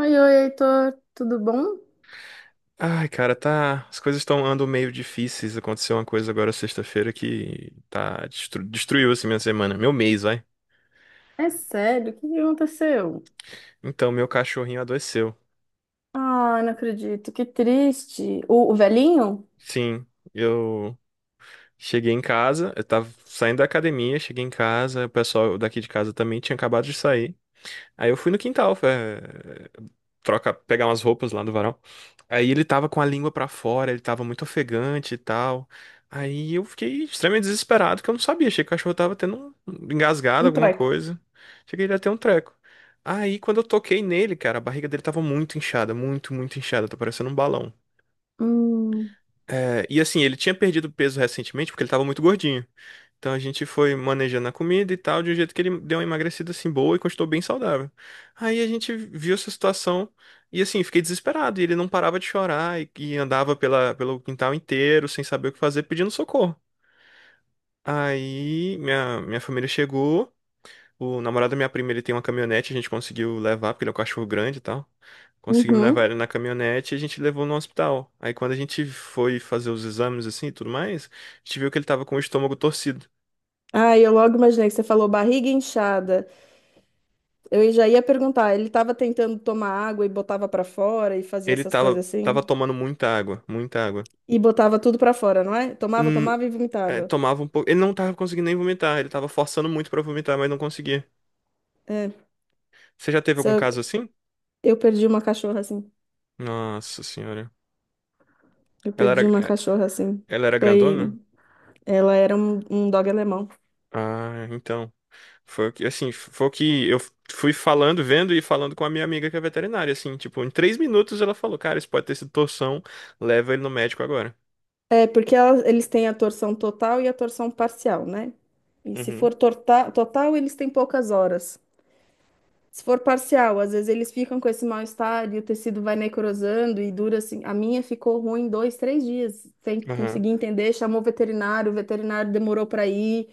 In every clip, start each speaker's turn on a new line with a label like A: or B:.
A: Oi, oi, Heitor, tudo bom?
B: Ai, cara, tá. As coisas estão andando meio difíceis. Aconteceu uma coisa agora sexta-feira que tá destruiu assim minha semana, meu mês, vai.
A: É sério, o que que aconteceu?
B: Então, meu cachorrinho adoeceu.
A: Ah, não acredito, que triste. O velhinho?
B: Sim, eu cheguei em casa, eu tava saindo da academia, cheguei em casa, o pessoal daqui de casa também tinha acabado de sair. Aí eu fui no quintal, troca, pegar umas roupas lá do varal. Aí ele tava com a língua pra fora, ele tava muito ofegante e tal. Aí eu fiquei extremamente desesperado, porque eu não sabia, achei que o cachorro tava tendo um engasgado,
A: Um
B: alguma
A: treco.
B: coisa. Achei que ele ia ter um treco. Aí quando eu toquei nele, cara, a barriga dele tava muito inchada, muito, muito inchada, tá parecendo um balão.
A: Hum,
B: É, e assim, ele tinha perdido peso recentemente porque ele tava muito gordinho. Então a gente foi manejando a comida e tal, de um jeito que ele deu uma emagrecida assim boa e continuou bem saudável. Aí a gente viu essa situação e assim, fiquei desesperado. E ele não parava de chorar e andava pelo quintal inteiro sem saber o que fazer, pedindo socorro. Aí minha família chegou, o namorado da minha prima ele tem uma caminhonete, a gente conseguiu levar, porque ele é um cachorro grande e tal. Conseguimos levar
A: uhum.
B: ele na caminhonete e a gente levou no hospital. Aí quando a gente foi fazer os exames assim e tudo mais, a gente viu que ele tava com o estômago torcido.
A: Ah, eu logo imaginei que você falou barriga inchada. Eu já ia perguntar, ele tava tentando tomar água e botava pra fora e fazia
B: Ele
A: essas
B: tava,
A: coisas
B: tava
A: assim?
B: tomando muita água, muita água.
A: E botava tudo pra fora, não é? Tomava,
B: Hum,
A: tomava e
B: é,
A: vomitava.
B: tomava um pouco. Ele não tava conseguindo nem vomitar, ele tava forçando muito pra vomitar, mas não conseguia.
A: É,
B: Você já teve algum
A: só
B: caso assim?
A: eu perdi uma cachorra assim.
B: Nossa senhora.
A: Eu
B: Ela era,
A: perdi uma
B: é,
A: cachorra assim.
B: ela era
A: Foi,
B: grandona?
A: ela era um, um dog alemão.
B: Ah, então. Foi o que eu fui falando, vendo e falando com a minha amiga que é veterinária, assim, tipo, em 3 minutos ela falou, cara, isso pode ter sido torção, leva ele no médico agora.
A: É, porque eles têm a torção total e a torção parcial, né? E se
B: Uhum.
A: for total, eles têm poucas horas. Se for parcial, às vezes eles ficam com esse mal-estar e o tecido vai necrosando e dura assim. A minha ficou ruim dois, três dias, sem
B: Aham.
A: conseguir entender. Chamou o veterinário demorou para ir.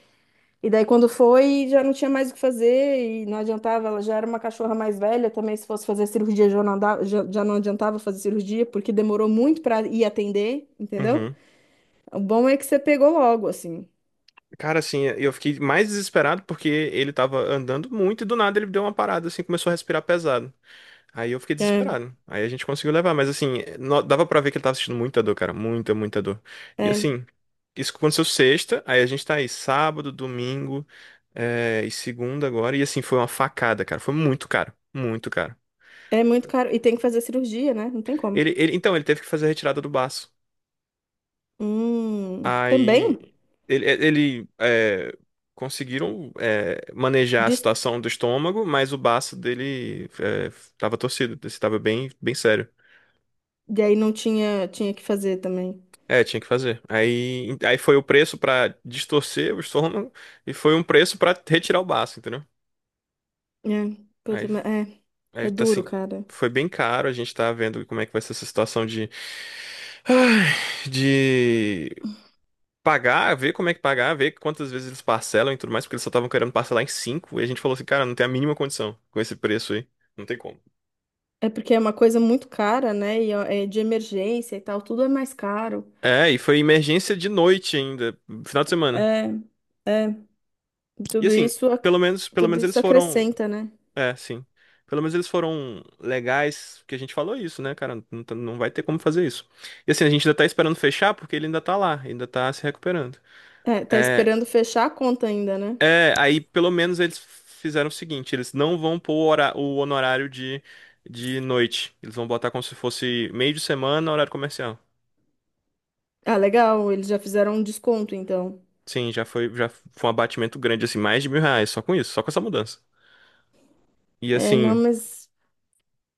A: E daí, quando foi, já não tinha mais o que fazer e não adiantava. Ela já era uma cachorra mais velha também. Se fosse fazer cirurgia, já não adiantava fazer cirurgia, porque demorou muito para ir atender, entendeu?
B: Uhum.
A: O bom é que você pegou logo, assim.
B: Cara, assim, eu fiquei mais desesperado porque ele tava andando muito e do nada ele deu uma parada, assim, começou a respirar pesado. Aí eu fiquei
A: É,
B: desesperado. Aí a gente conseguiu levar, mas assim, dava pra ver que ele tava sentindo muita dor, cara, muita, muita dor. E
A: é,
B: assim, isso aconteceu sexta, aí a gente tá aí sábado, domingo, e segunda agora, e assim, foi uma facada, cara, foi muito caro, muito caro.
A: é muito caro. E tem que fazer cirurgia, né? Não tem como.
B: Então, ele teve que fazer a retirada do baço. Aí
A: Também?
B: ele, é, ele, é, conseguiram é, manejar a
A: Diz-
B: situação do estômago, mas o baço dele tava torcido, estava bem, bem sério.
A: E aí não tinha, tinha que fazer também.
B: É, tinha que fazer. Aí, foi o preço pra distorcer o estômago e foi um preço pra retirar o baço, entendeu?
A: É, puta,
B: Aí,
A: mas é,
B: aí,
A: é
B: tá
A: duro,
B: assim,
A: cara.
B: foi bem caro. A gente tá vendo como é que vai ser essa situação de pagar, ver como é que pagar, ver quantas vezes eles parcelam e tudo mais, porque eles só estavam querendo parcelar em cinco. E a gente falou assim, cara, não tem a mínima condição com esse preço aí. Não tem como.
A: É porque é uma coisa muito cara, né? E ó, é de emergência e tal, tudo é mais caro.
B: É, e foi emergência de noite ainda, final de semana.
A: É, é,
B: E
A: tudo
B: assim,
A: isso, ac-
B: pelo menos, pelo
A: tudo
B: menos
A: isso
B: eles foram.
A: acrescenta, né?
B: É, sim. Pelo menos eles foram legais, que a gente falou isso, né, cara? Não, não vai ter como fazer isso. E assim, a gente ainda tá esperando fechar porque ele ainda tá lá, ainda tá se recuperando.
A: É, tá
B: É,
A: esperando fechar a conta ainda, né?
B: É, aí pelo menos eles fizeram o seguinte, eles não vão pôr o honorário de noite. Eles vão botar como se fosse meio de semana, horário comercial.
A: Ah, legal, eles já fizeram um desconto, então.
B: Sim, já foi um abatimento grande, assim, mais de 1.000 reais, só com isso, só com essa mudança. E
A: É, não,
B: assim,
A: mas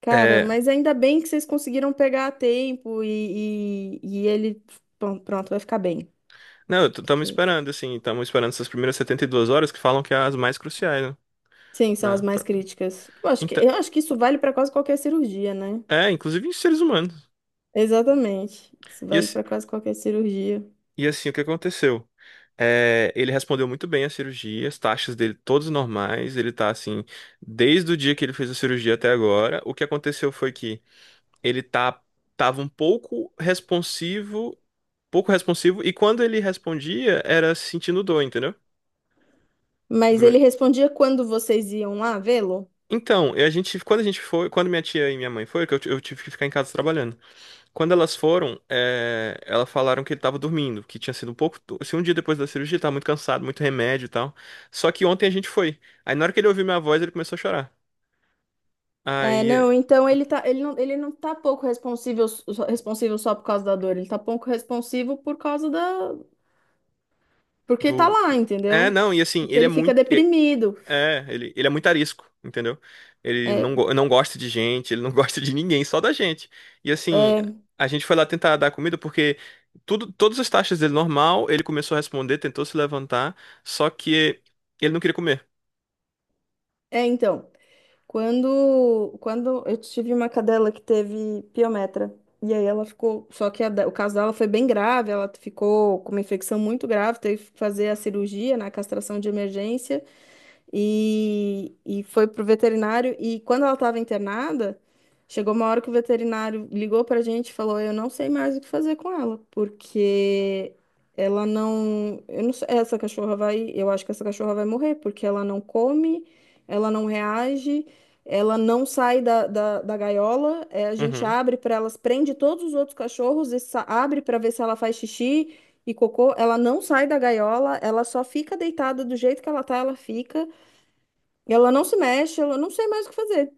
A: cara,
B: é.
A: mas ainda bem que vocês conseguiram pegar a tempo e ele. Pronto, vai ficar bem.
B: Não,
A: Porque.
B: assim, estamos esperando essas primeiras 72 horas que falam que é as mais cruciais, né?
A: Sim, são
B: Pra,
A: as mais
B: pra...
A: críticas.
B: Então,
A: Eu acho que isso vale para quase qualquer cirurgia, né?
B: inclusive em seres humanos.
A: Exatamente. Isso
B: E
A: vale
B: assim,
A: para quase qualquer cirurgia.
B: E assim, o que aconteceu? É, ele respondeu muito bem à cirurgia, as taxas dele todas normais, ele tá assim, desde o dia que ele fez a cirurgia até agora. O que aconteceu foi que ele tava um pouco responsivo, e quando ele respondia, era sentindo dor, entendeu?
A: Mas ele
B: Grunhe.
A: respondia quando vocês iam lá vê-lo?
B: Então, e a gente, quando a gente foi, quando minha tia e minha mãe foram, que eu tive que ficar em casa trabalhando. Quando elas foram, elas falaram que ele tava dormindo, que tinha sido um pouco. Se um dia depois da cirurgia, tava muito cansado, muito remédio e tal. Só que ontem a gente foi. Aí na hora que ele ouviu minha voz, ele começou a chorar.
A: É,
B: Aí, é,
A: não, então ele tá, ele não tá pouco responsivo só por causa da dor, ele tá pouco responsivo por causa da, porque tá
B: do.
A: lá,
B: É,
A: entendeu?
B: não, e assim,
A: Porque
B: ele é
A: ele fica
B: muito. É,
A: deprimido.
B: é, ele, ele é muito arisco, entendeu? Ele
A: É,
B: não, go- não gosta de gente, ele não gosta de ninguém, só da gente. E assim,
A: é,
B: a gente foi lá tentar dar comida porque todas as taxas dele normal, ele começou a responder, tentou se levantar, só que ele não queria comer.
A: então. Quando eu tive uma cadela que teve piometra, e aí ela ficou. Só que o caso dela foi bem grave, ela ficou com uma infecção muito grave, teve que fazer a cirurgia, na castração de emergência e foi pro veterinário. E quando ela estava internada, chegou uma hora que o veterinário ligou pra gente e falou: eu não sei mais o que fazer com ela, porque ela não. Eu não sei, essa cachorra vai. Eu acho que essa cachorra vai morrer, porque ela não come, ela não reage. Ela não sai da gaiola, eh, a gente
B: Uhum.
A: abre para elas, prende todos os outros cachorros e abre para ver se ela faz xixi e cocô. Ela não sai da gaiola, ela só fica deitada do jeito que ela tá, ela fica. Ela não se mexe, ela não sei mais o que fazer.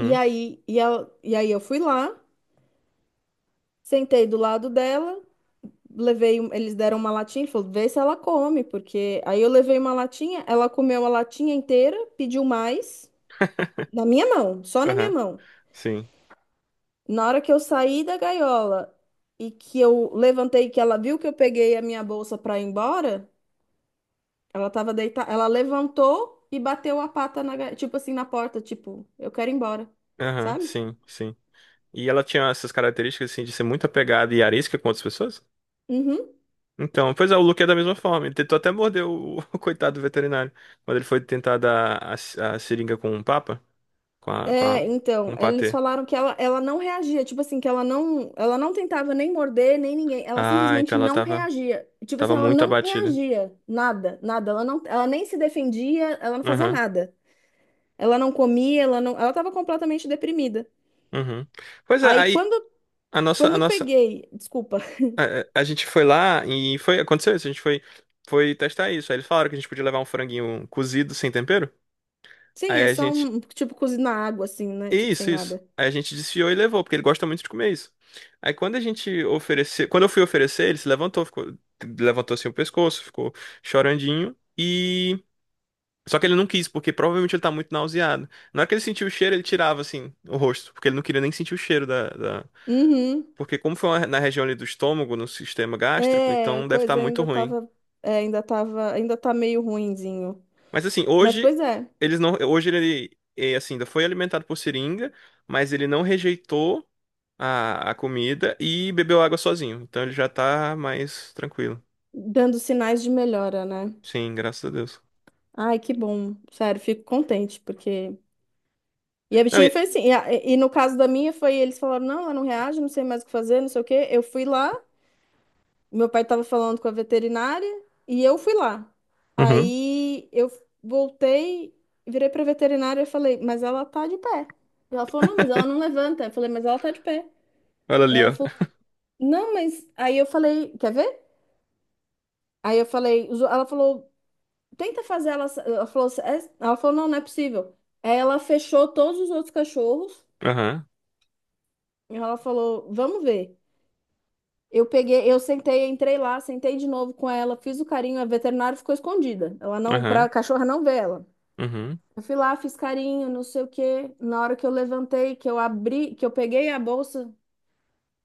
A: E aí, e, e aí eu fui lá, sentei do lado dela, levei, eles deram uma latinha e falou, vê se ela come, porque aí eu levei uma latinha, ela comeu a latinha inteira, pediu mais, na minha mão, só na minha
B: Aham,
A: mão.
B: sim.
A: Na hora que eu saí da gaiola e que eu levantei, que ela viu que eu peguei a minha bolsa para ir embora, ela tava deitada, ela levantou e bateu a pata na, tipo assim, na porta, tipo, eu quero ir embora,
B: Aham,
A: sabe?
B: sim, sim. E ela tinha essas características, assim, de ser muito apegada e arisca com outras pessoas?
A: Uhum.
B: Então, pois é, o Luke é da mesma forma. Ele tentou até morder o, o coitado do veterinário. Quando ele foi tentar dar a seringa com o papa, com a, com a,
A: É,
B: com
A: então,
B: o
A: eles
B: patê.
A: falaram que ela não reagia, tipo assim, que ela não tentava nem morder, nem ninguém, ela
B: Ah, então
A: simplesmente
B: ela
A: não
B: tava,
A: reagia. Tipo assim,
B: tava
A: ela
B: muito
A: não
B: abatida.
A: reagia, nada, nada, ela não, ela nem se defendia, ela não fazia
B: Aham.
A: nada. Ela não comia, ela não, ela tava completamente deprimida.
B: Uhum. Pois é,
A: Aí
B: aí
A: quando,
B: a nossa,
A: quando
B: a
A: eu
B: nossa,
A: peguei, desculpa.
B: a, a gente foi lá e foi, aconteceu isso, a gente foi testar isso. Aí eles falaram que a gente podia levar um franguinho cozido sem tempero.
A: Sim, é
B: Aí a
A: só
B: gente
A: um, tipo, cozinhar água assim, né? Tipo, sem
B: Isso, isso.
A: nada.
B: Aí a gente desfiou e levou, porque ele gosta muito de comer isso. Aí quando a gente ofereceu, quando eu fui oferecer, ele se levantou, ficou, levantou assim o pescoço, ficou chorandinho e só que ele não quis, porque provavelmente ele tá muito nauseado. Na hora que ele sentiu o cheiro, ele tirava assim o rosto, porque ele não queria nem sentir o cheiro da.
A: Uhum.
B: Porque como foi na região ali do estômago, no sistema gástrico,
A: É,
B: então deve estar
A: coisa
B: muito
A: ainda
B: ruim.
A: tava, é, ainda tava, ainda tá meio ruinzinho.
B: Mas assim,
A: Mas
B: hoje
A: pois é.
B: ele ainda foi alimentado por seringa, mas ele não rejeitou a comida e bebeu água sozinho. Então ele já tá mais tranquilo.
A: Dando sinais de melhora, né?
B: Sim, graças a Deus.
A: Ai, que bom. Sério, fico contente, porque. E a
B: Não,
A: bichinha
B: e-
A: foi assim. E, e no caso da minha, foi eles falaram: não, ela não reage, não sei mais o que fazer, não sei o quê. Eu fui lá, meu pai tava falando com a veterinária, e eu fui lá.
B: Uhum.
A: Aí eu voltei, virei pra veterinária e falei: mas ela tá de pé. E ela falou: não, mas ela não levanta. Eu falei: mas ela tá de pé.
B: Olha
A: E
B: ali,
A: ela
B: ó.
A: falou: não, mas. Aí eu falei: quer ver? Aí eu falei: ela falou. Tenta fazer ela. Ela falou, assim, ela falou, não, não é possível. Aí ela fechou todos os outros cachorros.
B: Aham.
A: E ela falou, vamos ver. Eu peguei, eu sentei, entrei lá, sentei de novo com ela, fiz o carinho, a veterinária ficou escondida. Ela não,
B: Aham.
A: pra cachorra não ver ela.
B: Uhum.
A: Eu fui lá, fiz carinho, não sei o quê. Na hora que eu levantei, que eu abri, que eu peguei a bolsa,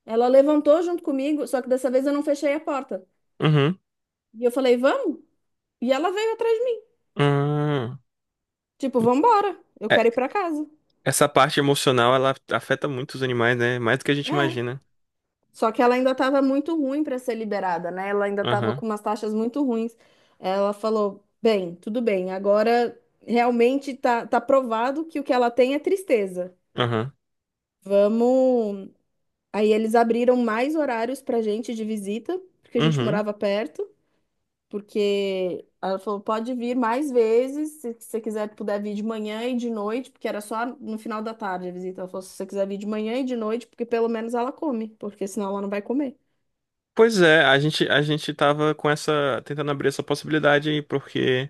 A: ela levantou junto comigo, só que dessa vez eu não fechei a porta.
B: Uhum.
A: E eu falei, vamos? E ela veio atrás de mim,
B: Uhum.
A: tipo, vamos embora, eu quero
B: É,
A: ir pra casa.
B: essa parte emocional, ela afeta muito os animais, né? Mais do que a gente
A: É.
B: imagina.
A: Só que ela ainda estava muito ruim para ser liberada, né? Ela ainda estava
B: Aham.
A: com umas taxas muito ruins. Ela falou: bem, tudo bem, agora realmente tá, tá provado que o que ela tem é tristeza.
B: Aham.
A: Vamos. Aí eles abriram mais horários para gente de visita, porque a gente
B: Uhum.
A: morava perto. Porque ela falou: pode vir mais vezes, se você quiser, puder vir de manhã e de noite, porque era só no final da tarde a visita. Ela falou: se você quiser vir de manhã e de noite, porque pelo menos ela come, porque senão ela não vai comer.
B: Pois é, a gente tava com essa, tentando abrir essa possibilidade aí, porque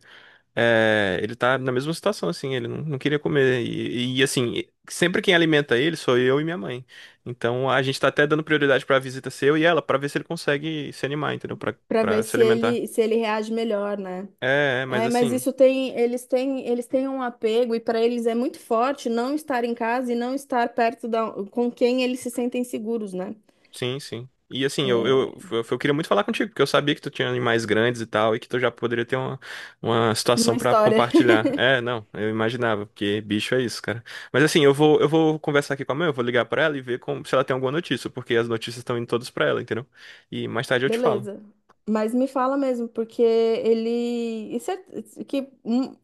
B: Ele tá na mesma situação, assim, ele não, não queria comer. E, assim, sempre quem alimenta ele sou eu e minha mãe. Então a gente tá até dando prioridade pra visita ser eu e ela, pra ver se ele consegue se animar, entendeu? Pra,
A: Para
B: pra
A: ver
B: se
A: se
B: alimentar.
A: ele se ele reage melhor, né?
B: É, mas
A: É, mas
B: assim.
A: isso tem, eles têm um apego e para eles é muito forte não estar em casa e não estar perto da, com quem eles se sentem seguros, né?
B: Sim, sim. E assim, eu queria muito falar contigo, porque eu sabia que tu tinha animais grandes e tal, e que tu já poderia ter uma situação
A: Uma
B: pra
A: história.
B: compartilhar. É, não, eu imaginava, porque bicho é isso, cara. Mas assim, eu vou conversar aqui com a mãe, eu vou ligar pra ela e ver se ela tem alguma notícia, porque as notícias estão indo todas pra ela, entendeu? E mais tarde eu te falo.
A: Beleza. Mas me fala mesmo, porque ele. E que, hum,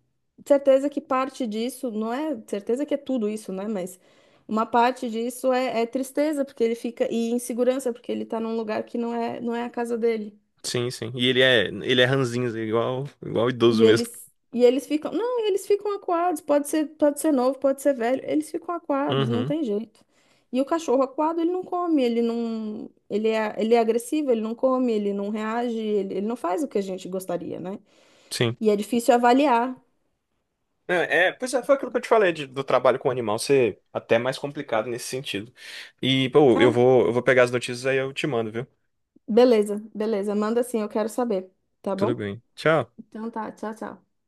A: certeza que parte disso, não é certeza que é tudo isso, né? Mas uma parte disso é, é tristeza, porque ele fica. E insegurança, porque ele tá num lugar que não é, não é a casa dele.
B: Sim, sim. E ele é ranzinza, igual, igual idoso mesmo.
A: E eles ficam, não, eles ficam acuados, pode ser novo, pode ser velho, eles ficam acuados, não
B: Uhum,
A: tem jeito. E o cachorro acuado, ele não come, ele não, ele é agressivo, ele não come, ele não reage, ele não faz o que a gente gostaria, né?
B: sim.
A: E é difícil avaliar.
B: Não, pois é, foi aquilo que eu te falei do trabalho com animal ser até mais complicado nesse sentido. E, pô, eu
A: Ah,
B: vou, eu vou pegar as notícias aí eu te mando, viu?
A: beleza, beleza, manda assim, eu quero saber, tá
B: Tudo
A: bom?
B: bem. Tchau.
A: Então tá, tchau, tchau.